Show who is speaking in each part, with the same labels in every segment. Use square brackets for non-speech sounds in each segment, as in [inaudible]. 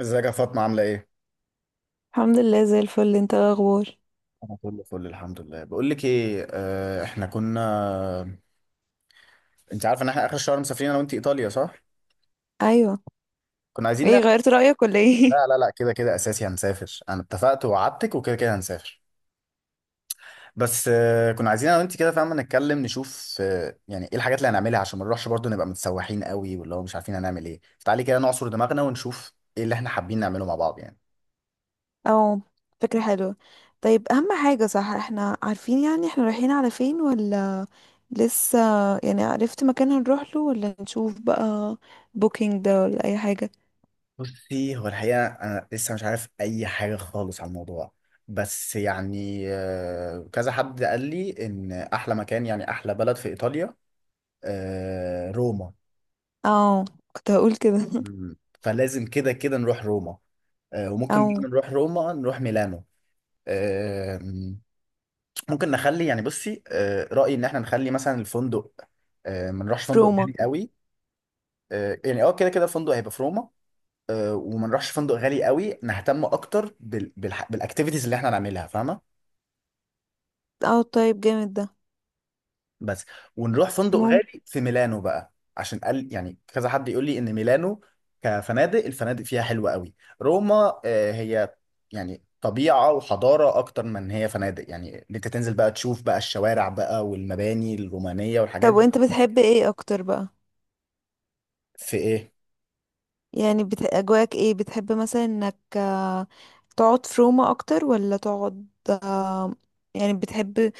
Speaker 1: ازيك يا فاطمة؟ عاملة ايه؟
Speaker 2: الحمد لله زي الفل، انت ايه الاخبار؟
Speaker 1: انا كله فل، الحمد لله. بقول لك ايه، احنا كنا، انت عارفة ان احنا اخر الشهر مسافرين انا وانت ايطاليا، صح؟
Speaker 2: ايوه.
Speaker 1: كنا عايزين
Speaker 2: ايه،
Speaker 1: نعمل،
Speaker 2: غيرت رأيك ولا ايه؟
Speaker 1: لا لا لا، كده كده اساسي هنسافر، انا اتفقت ووعدتك وكده كده هنسافر. بس كنا عايزين انا وانت، كده، فاهمة، نتكلم نشوف يعني ايه الحاجات اللي هنعملها عشان ما نروحش برضه نبقى متسوحين قوي، واللي هو مش عارفين هنعمل ايه، فتعالي كده نعصر دماغنا ونشوف ايه اللي احنا حابين نعمله مع بعض يعني.
Speaker 2: [laughs] او، فكرة حلوة. طيب اهم حاجة، صح؟ احنا عارفين يعني احنا رايحين على فين ولا لسه؟ يعني عرفت مكان هنروح له ولا نشوف بقى بوكينج ده ولا اي حاجة؟
Speaker 1: بصي، هو الحقيقة أنا لسه مش عارف أي حاجة خالص عن الموضوع. بس يعني كذا حد قال لي إن أحلى مكان، يعني أحلى بلد في إيطاليا، روما.
Speaker 2: او، كنت هقول كده. [laughs]
Speaker 1: مم. فلازم كده كده نروح روما. وممكن بقى
Speaker 2: او،
Speaker 1: نروح روما نروح ميلانو. آه، ممكن نخلي، يعني بصي، رأيي إن إحنا نخلي مثلا الفندق، ما نروحش
Speaker 2: في
Speaker 1: فندق
Speaker 2: روما.
Speaker 1: غالي قوي. يعني كده كده الفندق هيبقى في روما. وما نروحش فندق غالي قوي، نهتم اكتر بالاكتيفيتيز اللي احنا هنعملها، فاهمه؟
Speaker 2: او، طيب جامد ده.
Speaker 1: بس. ونروح فندق
Speaker 2: مهم.
Speaker 1: غالي في ميلانو بقى، عشان قال يعني كذا حد يقول لي ان ميلانو كفنادق، الفنادق فيها حلوه قوي. روما هي يعني طبيعه وحضاره اكتر من إن هي فنادق، يعني إن انت تنزل بقى تشوف بقى الشوارع بقى والمباني الرومانيه والحاجات
Speaker 2: طب
Speaker 1: دي.
Speaker 2: وانت بتحب ايه اكتر بقى؟
Speaker 1: في ايه؟
Speaker 2: يعني اجواك ايه؟ بتحب مثلا انك تقعد في روما اكتر ولا تقعد؟ آه، يعني بتحب،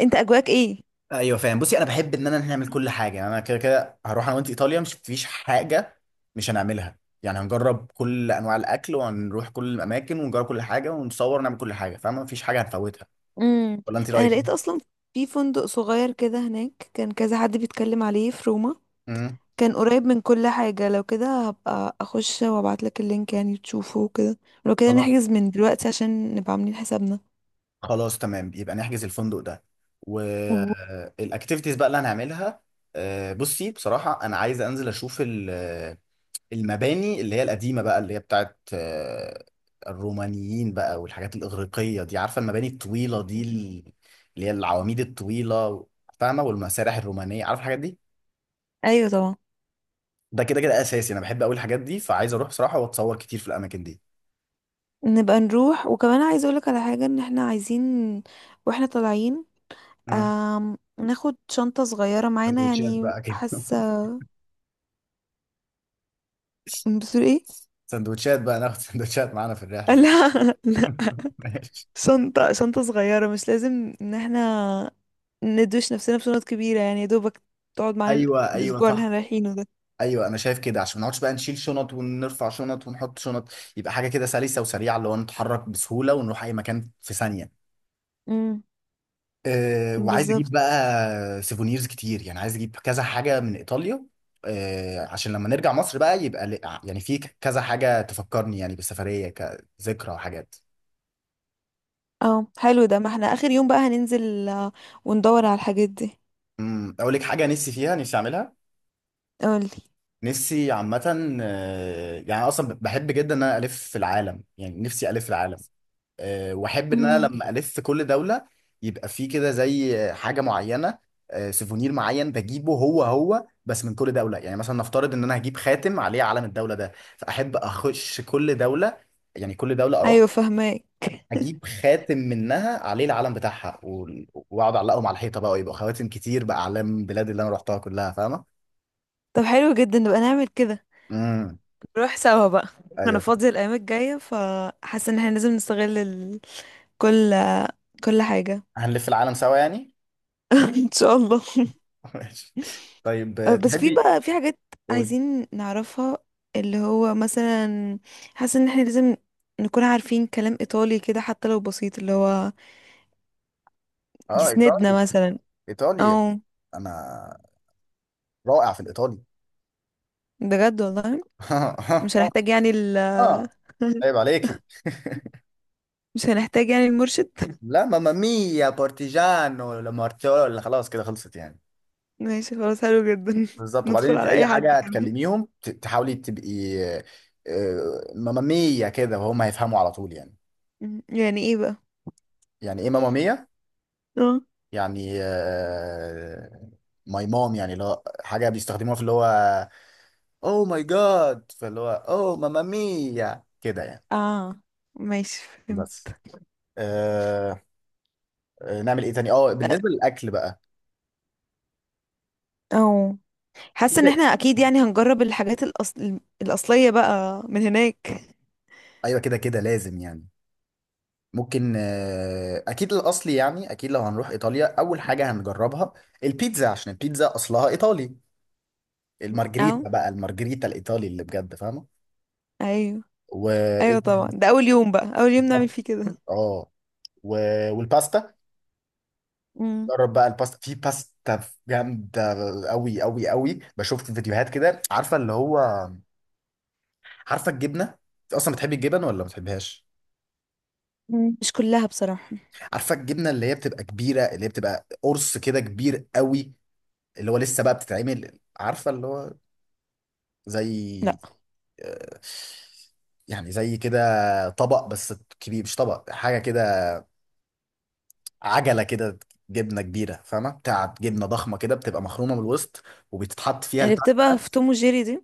Speaker 2: انت اجواك ايه؟
Speaker 1: ايوه فاهم. بصي، انا بحب ان انا نعمل كل حاجه. يعني انا كده كده هروح انا وانت ايطاليا، مش فيش حاجه مش هنعملها، يعني هنجرب كل انواع الاكل وهنروح كل الاماكن ونجرب كل حاجه ونصور ونعمل كل حاجه، فاهمه؟ مفيش حاجه هنفوتها.
Speaker 2: امم.
Speaker 1: ولا انت
Speaker 2: انا
Speaker 1: رايك
Speaker 2: لقيت
Speaker 1: ايه؟
Speaker 2: اصلا في فندق صغير كده هناك، كان كذا حد بيتكلم عليه في روما.
Speaker 1: امم.
Speaker 2: كان قريب من كل حاجة، لو كده هبقى اخش وابعت لك اللينك يعني تشوفه وكده. لو كده
Speaker 1: خلاص.
Speaker 2: نحجز من دلوقتي عشان نبقى عاملين حسابنا.
Speaker 1: خلاص تمام، يبقى نحجز الفندق ده
Speaker 2: و-
Speaker 1: والاكتيفيتيز بقى اللي هنعملها. بصي بصراحه انا عايز انزل اشوف المباني اللي هي القديمة بقى، اللي هي بتاعت الرومانيين بقى، والحاجات الإغريقية دي، عارفة المباني الطويلة دي، اللي هي العواميد الطويلة، فاهمة؟ والمسارح الرومانية، عارفة الحاجات دي؟
Speaker 2: ايوه طبعا.
Speaker 1: ده كده كده أساسي، أنا بحب أوي الحاجات دي، فعايز أروح بصراحة وأتصور كتير في الأماكن دي.
Speaker 2: نبقى نروح، وكمان عايزه اقولك على حاجة، ان احنا عايزين، واحنا طالعين،
Speaker 1: مم.
Speaker 2: ناخد شنطة صغيرة معانا
Speaker 1: سندوتشات
Speaker 2: يعني،
Speaker 1: بقى كده؟
Speaker 2: حاسة.
Speaker 1: [laughs]
Speaker 2: بتقول ايه؟
Speaker 1: سندوتشات بقى ناخد؟ [laughs] سندوتشات معانا في
Speaker 2: [laughs]
Speaker 1: الرحلة؟
Speaker 2: لا، لا.
Speaker 1: [laughs] ماشي.
Speaker 2: شنطة صغيرة، مش لازم ان احنا ندوش نفسنا بشنط كبيرة، يعني يا دوبك تقعد معانا
Speaker 1: أيوه أيوه
Speaker 2: الأسبوع اللي
Speaker 1: صح.
Speaker 2: احنا رايحينه ده.
Speaker 1: ايوه انا شايف كده، عشان ما نقعدش بقى نشيل شنط ونرفع شنط ونحط شنط. يبقى حاجه كده سلسه وسريعه، اللي هو نتحرك بسهوله ونروح اي مكان في ثانيه.
Speaker 2: امم.
Speaker 1: أه، وعايز اجيب
Speaker 2: بالظبط.
Speaker 1: بقى سيفونيرز كتير، يعني عايز اجيب كذا حاجه من ايطاليا. أه عشان لما نرجع مصر بقى يبقى يعني في كذا حاجه تفكرني يعني بالسفريه كذكرى وحاجات.
Speaker 2: اه حلو ده، ما احنا آخر يوم بقى هننزل وندور على الحاجات دي.
Speaker 1: امم، اقول لك حاجه نفسي فيها، نفسي اعملها.
Speaker 2: قولي.
Speaker 1: نفسي عامه، يعني أنا اصلا بحب جدا ان انا الف في العالم، يعني نفسي الف في العالم. واحب ان انا
Speaker 2: امم.
Speaker 1: لما الف كل دوله يبقى فيه كده زي حاجه معينه، سيفونير معين بجيبه هو هو بس من كل دوله. يعني مثلا نفترض ان انا هجيب خاتم عليه علم الدوله ده، فاحب اخش كل دوله، يعني كل دوله اروح
Speaker 2: ايوه فهماك. [laughs]
Speaker 1: اجيب خاتم منها عليه العلم بتاعها واقعد اعلقهم على الحيطه بقى، ويبقى خواتم كتير باعلام بلاد اللي انا رحتها كلها، فاهمه؟
Speaker 2: طب حلو جدا، نبقى نعمل كده.
Speaker 1: امم.
Speaker 2: نروح سوا بقى. انا
Speaker 1: ايوه،
Speaker 2: فاضية الايام الجاية، فحاسة ان احنا لازم نستغل كل كل حاجة. [laughs]
Speaker 1: هنلف العالم سوا يعني.
Speaker 2: ان شاء الله.
Speaker 1: [laughs] ماشي. طيب
Speaker 2: أه، بس في
Speaker 1: تحبي؟
Speaker 2: بقى في حاجات
Speaker 1: قولي.
Speaker 2: عايزين نعرفها، اللي هو مثلا، حاسة ان احنا لازم نكون عارفين كلام ايطالي كده حتى لو بسيط، اللي هو
Speaker 1: اه،
Speaker 2: يسندنا
Speaker 1: ايطالي،
Speaker 2: مثلا.
Speaker 1: ايطالي.
Speaker 2: او،
Speaker 1: انا رائع في الايطالي.
Speaker 2: بجد والله.
Speaker 1: [laughs]
Speaker 2: مش هنحتاج يعني ال...
Speaker 1: اه،
Speaker 2: [laughs]
Speaker 1: عيب عليكي.
Speaker 2: مش هنحتاج يعني المرشد.
Speaker 1: لا، ماما ميا بارتيجانو لامارتيولا، خلاص كده خلصت يعني.
Speaker 2: ماشي خلاص، حلو جدا. [laughs]
Speaker 1: بالظبط، وبعدين
Speaker 2: ندخل
Speaker 1: انت
Speaker 2: على
Speaker 1: اي
Speaker 2: اي حد
Speaker 1: حاجه
Speaker 2: كده.
Speaker 1: تكلميهم، تحاولي تبقي ماما ميا كده وهم هيفهموا على طول يعني.
Speaker 2: يعني ايه بقى؟
Speaker 1: يعني ايه ماما ميا؟
Speaker 2: اه.
Speaker 1: يعني ماي مام، يعني اللي هو حاجه بيستخدموها في اللي هو اوه ماي جاد، فاللي هو اوه ماما ميا كده يعني.
Speaker 2: اه. ماشي، فهمت.
Speaker 1: بس. آه. نعمل ايه تاني؟ اه،
Speaker 2: أه.
Speaker 1: بالنسبه للاكل بقى.
Speaker 2: او. حاسه ان احنا اكيد يعني هنجرب الحاجات الاصليه بقى من هناك.
Speaker 1: ايوه كده كده لازم يعني. ممكن اكيد الاصلي، يعني اكيد لو هنروح ايطاليا اول حاجه هنجربها البيتزا، عشان البيتزا اصلها ايطالي. مم.
Speaker 2: اه.
Speaker 1: المارجريتا بقى، المارجريتا الايطالي اللي بجد، فاهمه؟
Speaker 2: ايوه.
Speaker 1: وايه
Speaker 2: ايوه طبعا،
Speaker 1: تاني؟
Speaker 2: ده اول يوم بقى، اول يوم نعمل
Speaker 1: بالظبط.
Speaker 2: فيه كده.
Speaker 1: اه. و... والباستا.
Speaker 2: مم.
Speaker 1: جرب بقى الباستا، في باستا جامده قوي قوي قوي، بشوف في فيديوهات كده، عارفه اللي هو، عارفه الجبنه؟ انت اصلا بتحبي الجبن ولا ما بتحبهاش؟
Speaker 2: مم. مش كلها بصراحة.
Speaker 1: عارفه الجبنه اللي هي بتبقى كبيره، اللي هي بتبقى قرص كده كبير قوي، اللي هو لسه بقى بتتعمل، عارفه اللي هو زي
Speaker 2: لا.
Speaker 1: آه، يعني زي كده طبق بس كبير، مش طبق، حاجه كده، عجله كده، جبنه كبيره فاهمه، بتاعت جبنه ضخمه كده بتبقى مخرومه من الوسط، وبيتحط فيها
Speaker 2: اللي بتبقى
Speaker 1: الباستا.
Speaker 2: في توم وجيري دي.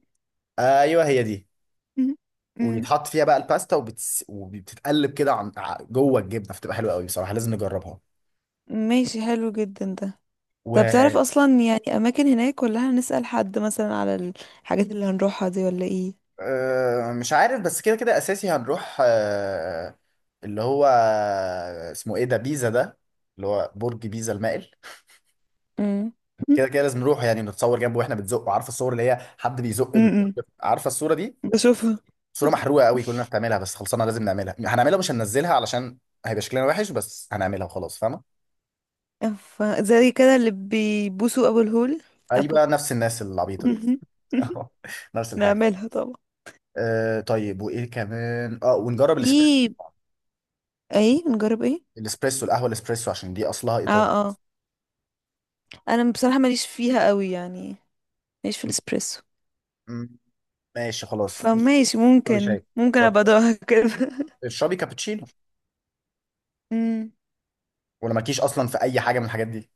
Speaker 1: ايوه هي دي.
Speaker 2: مم. مم.
Speaker 1: وبيتحط فيها بقى الباستا، وبتتقلب كده جوه الجبنه، فتبقى حلوه قوي بصراحه، لازم نجربها.
Speaker 2: ماشي حلو جدا ده.
Speaker 1: و
Speaker 2: طب تعرف اصلا يعني اماكن هناك، ولا هنسأل حد مثلا على الحاجات اللي هنروحها دي ولا ايه؟
Speaker 1: أه مش عارف، بس كده كده اساسي هنروح أه اللي هو، اسمه ايه ده، بيزا ده، اللي هو برج بيزا المائل.
Speaker 2: مم.
Speaker 1: كده كده لازم نروح يعني، نتصور جنبه واحنا بنزقه، عارفه الصور اللي هي حد بيزق البرج،
Speaker 2: امم.
Speaker 1: عارفه الصوره دي؟
Speaker 2: بشوفها.
Speaker 1: صوره محروقه قوي كلنا بتعملها بس خلصنا، لازم نعملها هنعملها مش هننزلها، علشان هيبقى شكلنا وحش، بس هنعملها وخلاص، فاهمه؟
Speaker 2: ف- زي كده اللي بيبوسوا ابو الهول. ابو
Speaker 1: ايوه، نفس الناس العبيطه دي.
Speaker 2: [laughs]
Speaker 1: [laughs] نفس الحاجه.
Speaker 2: نعملها طبعا.
Speaker 1: أه طيب، وايه كمان؟ اه، ونجرب
Speaker 2: في ايه؟ نجرب ايه؟
Speaker 1: الاسبريسو، القهوه الاسبريسو، عشان دي اصلها
Speaker 2: اه. اه. انا بصراحة ماليش فيها قوي يعني، ماليش في
Speaker 1: ايطالي.
Speaker 2: الاسبريسو.
Speaker 1: ماشي خلاص.
Speaker 2: فماشي،
Speaker 1: اشربي
Speaker 2: ممكن
Speaker 1: شاي،
Speaker 2: ممكن
Speaker 1: خلاص،
Speaker 2: ابقى ادوقها كده.
Speaker 1: اشربي كابتشينو.
Speaker 2: [laughs] امم.
Speaker 1: ولا مالكيش اصلا في اي حاجه من الحاجات دي؟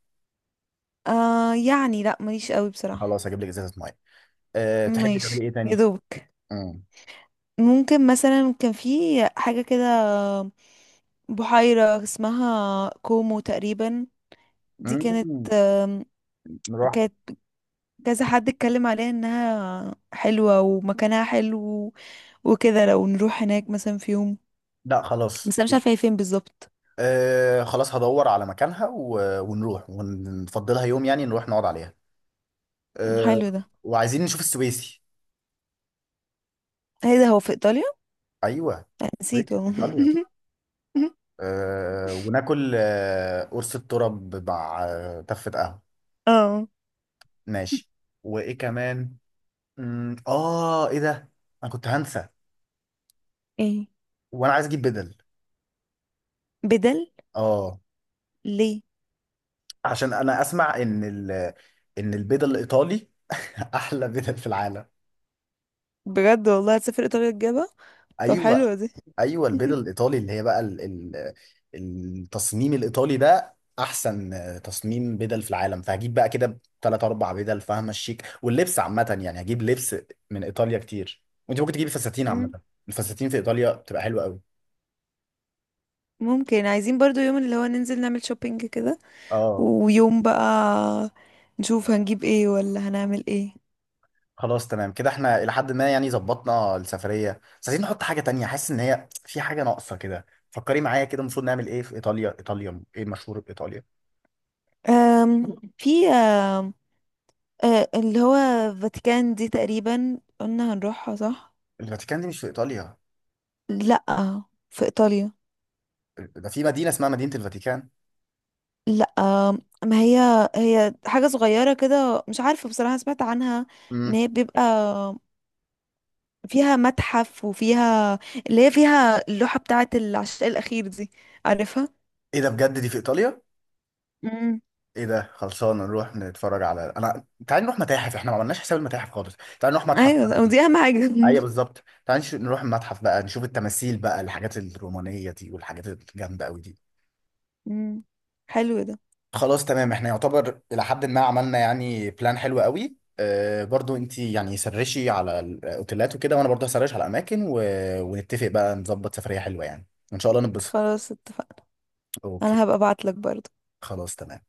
Speaker 2: آه، يعني لا ماليش قوي بصراحة.
Speaker 1: خلاص هجيب لك ازازه ميه. أه، تحبي
Speaker 2: ماشي
Speaker 1: تعملي ايه
Speaker 2: يا
Speaker 1: تاني؟
Speaker 2: دوبك.
Speaker 1: امم.
Speaker 2: ممكن مثلا كان في حاجة كده، بحيرة اسمها كومو تقريبا. دي كانت،
Speaker 1: امم، نروح.
Speaker 2: كانت كذا حد اتكلم عليها انها حلوة ومكانها حلو وكده. لو نروح هناك مثلا في يوم،
Speaker 1: لا خلاص،
Speaker 2: بس انا مش عارفه هي فين بالظبط.
Speaker 1: أه خلاص هدور على مكانها و... ونروح ونفضلها يوم، يعني نروح نقعد عليها. أه،
Speaker 2: حلو ده.
Speaker 1: وعايزين نشوف السويسي.
Speaker 2: هي ده هو في ايطاليا؟
Speaker 1: ايوه،
Speaker 2: نسيته
Speaker 1: السويسي في
Speaker 2: اهو.
Speaker 1: ايطاليا.
Speaker 2: [laughs]
Speaker 1: أه، وناكل أه قرص الترب مع تفة قهوه.
Speaker 2: اه،
Speaker 1: ماشي. وايه كمان؟ أمم، اه ايه ده، انا كنت هنسى.
Speaker 2: ايه
Speaker 1: وانا عايز اجيب بدل.
Speaker 2: بدل؟
Speaker 1: اه،
Speaker 2: ليه؟
Speaker 1: عشان انا اسمع ان ان البدل الايطالي [laughs] احلى بدل في العالم.
Speaker 2: بجد والله هتسافر ايطاليا تجيبها؟ طب
Speaker 1: ايوه،
Speaker 2: حلوه دي.
Speaker 1: ايوه البدل
Speaker 2: [laughs]
Speaker 1: الايطالي اللي هي بقى ال التصميم الايطالي ده احسن تصميم بدل في العالم، فهجيب بقى كده ثلاث اربع بدل، فاهمه؟ الشيك واللبس عامه يعني، هجيب لبس من ايطاليا كتير، وانت ممكن تجيبي فساتين عامه.
Speaker 2: مم.
Speaker 1: الفساتين في ايطاليا بتبقى حلوه قوي.
Speaker 2: ممكن، عايزين برضو يوم اللي هو ننزل نعمل شوبينج كده،
Speaker 1: اه،
Speaker 2: ويوم بقى نشوف هنجيب ايه ولا هنعمل ايه.
Speaker 1: خلاص تمام كده، احنا الى حد ما يعني ظبطنا السفريه، بس عايزين نحط حاجه تانية، حاسس ان هي في حاجه ناقصه كده، فكري معايا كده المفروض نعمل ايه في ايطاليا؟ ايطاليا ايه مشهور بايطاليا؟
Speaker 2: أم في أم أه، اللي هو فاتيكان دي، تقريبا قلنا هنروحها صح؟
Speaker 1: الفاتيكان دي مش في ايطاليا،
Speaker 2: لا، في ايطاليا.
Speaker 1: ده في مدينه اسمها مدينه الفاتيكان.
Speaker 2: لا، ما هي هي حاجة صغيرة كده مش عارفة بصراحة، سمعت عنها ان
Speaker 1: امم.
Speaker 2: هي بيبقى فيها متحف، وفيها اللي هي فيها اللوحة بتاعة العشاء الأخير دي. عارفها؟
Speaker 1: ايه ده بجد، دي في ايطاليا؟
Speaker 2: امم.
Speaker 1: ايه ده خلصانه، نروح نتفرج على، انا تعال نروح متاحف، احنا ما عملناش حساب المتاحف خالص، تعال نروح متحف
Speaker 2: ايوه
Speaker 1: بلدي.
Speaker 2: دي اهم حاجة. [laughs]
Speaker 1: ايوه
Speaker 2: مم.
Speaker 1: بالظبط، تعال نروح المتحف بقى نشوف التماثيل بقى، الحاجات الرومانيه دي والحاجات الجامده قوي دي.
Speaker 2: مم. حلو ده.
Speaker 1: خلاص تمام، احنا يعتبر الى حد ما عملنا يعني بلان حلو قوي. اه برضو انت يعني سرشي على الاوتيلات وكده، وانا برضو هسرش على الاماكن و... ونتفق بقى نظبط سفرية حلوة يعني، ان شاء الله نتبسط.
Speaker 2: خلاص اتفقنا.
Speaker 1: اوكي.
Speaker 2: انا هبقى ابعتلك برضه.
Speaker 1: خلاص تمام.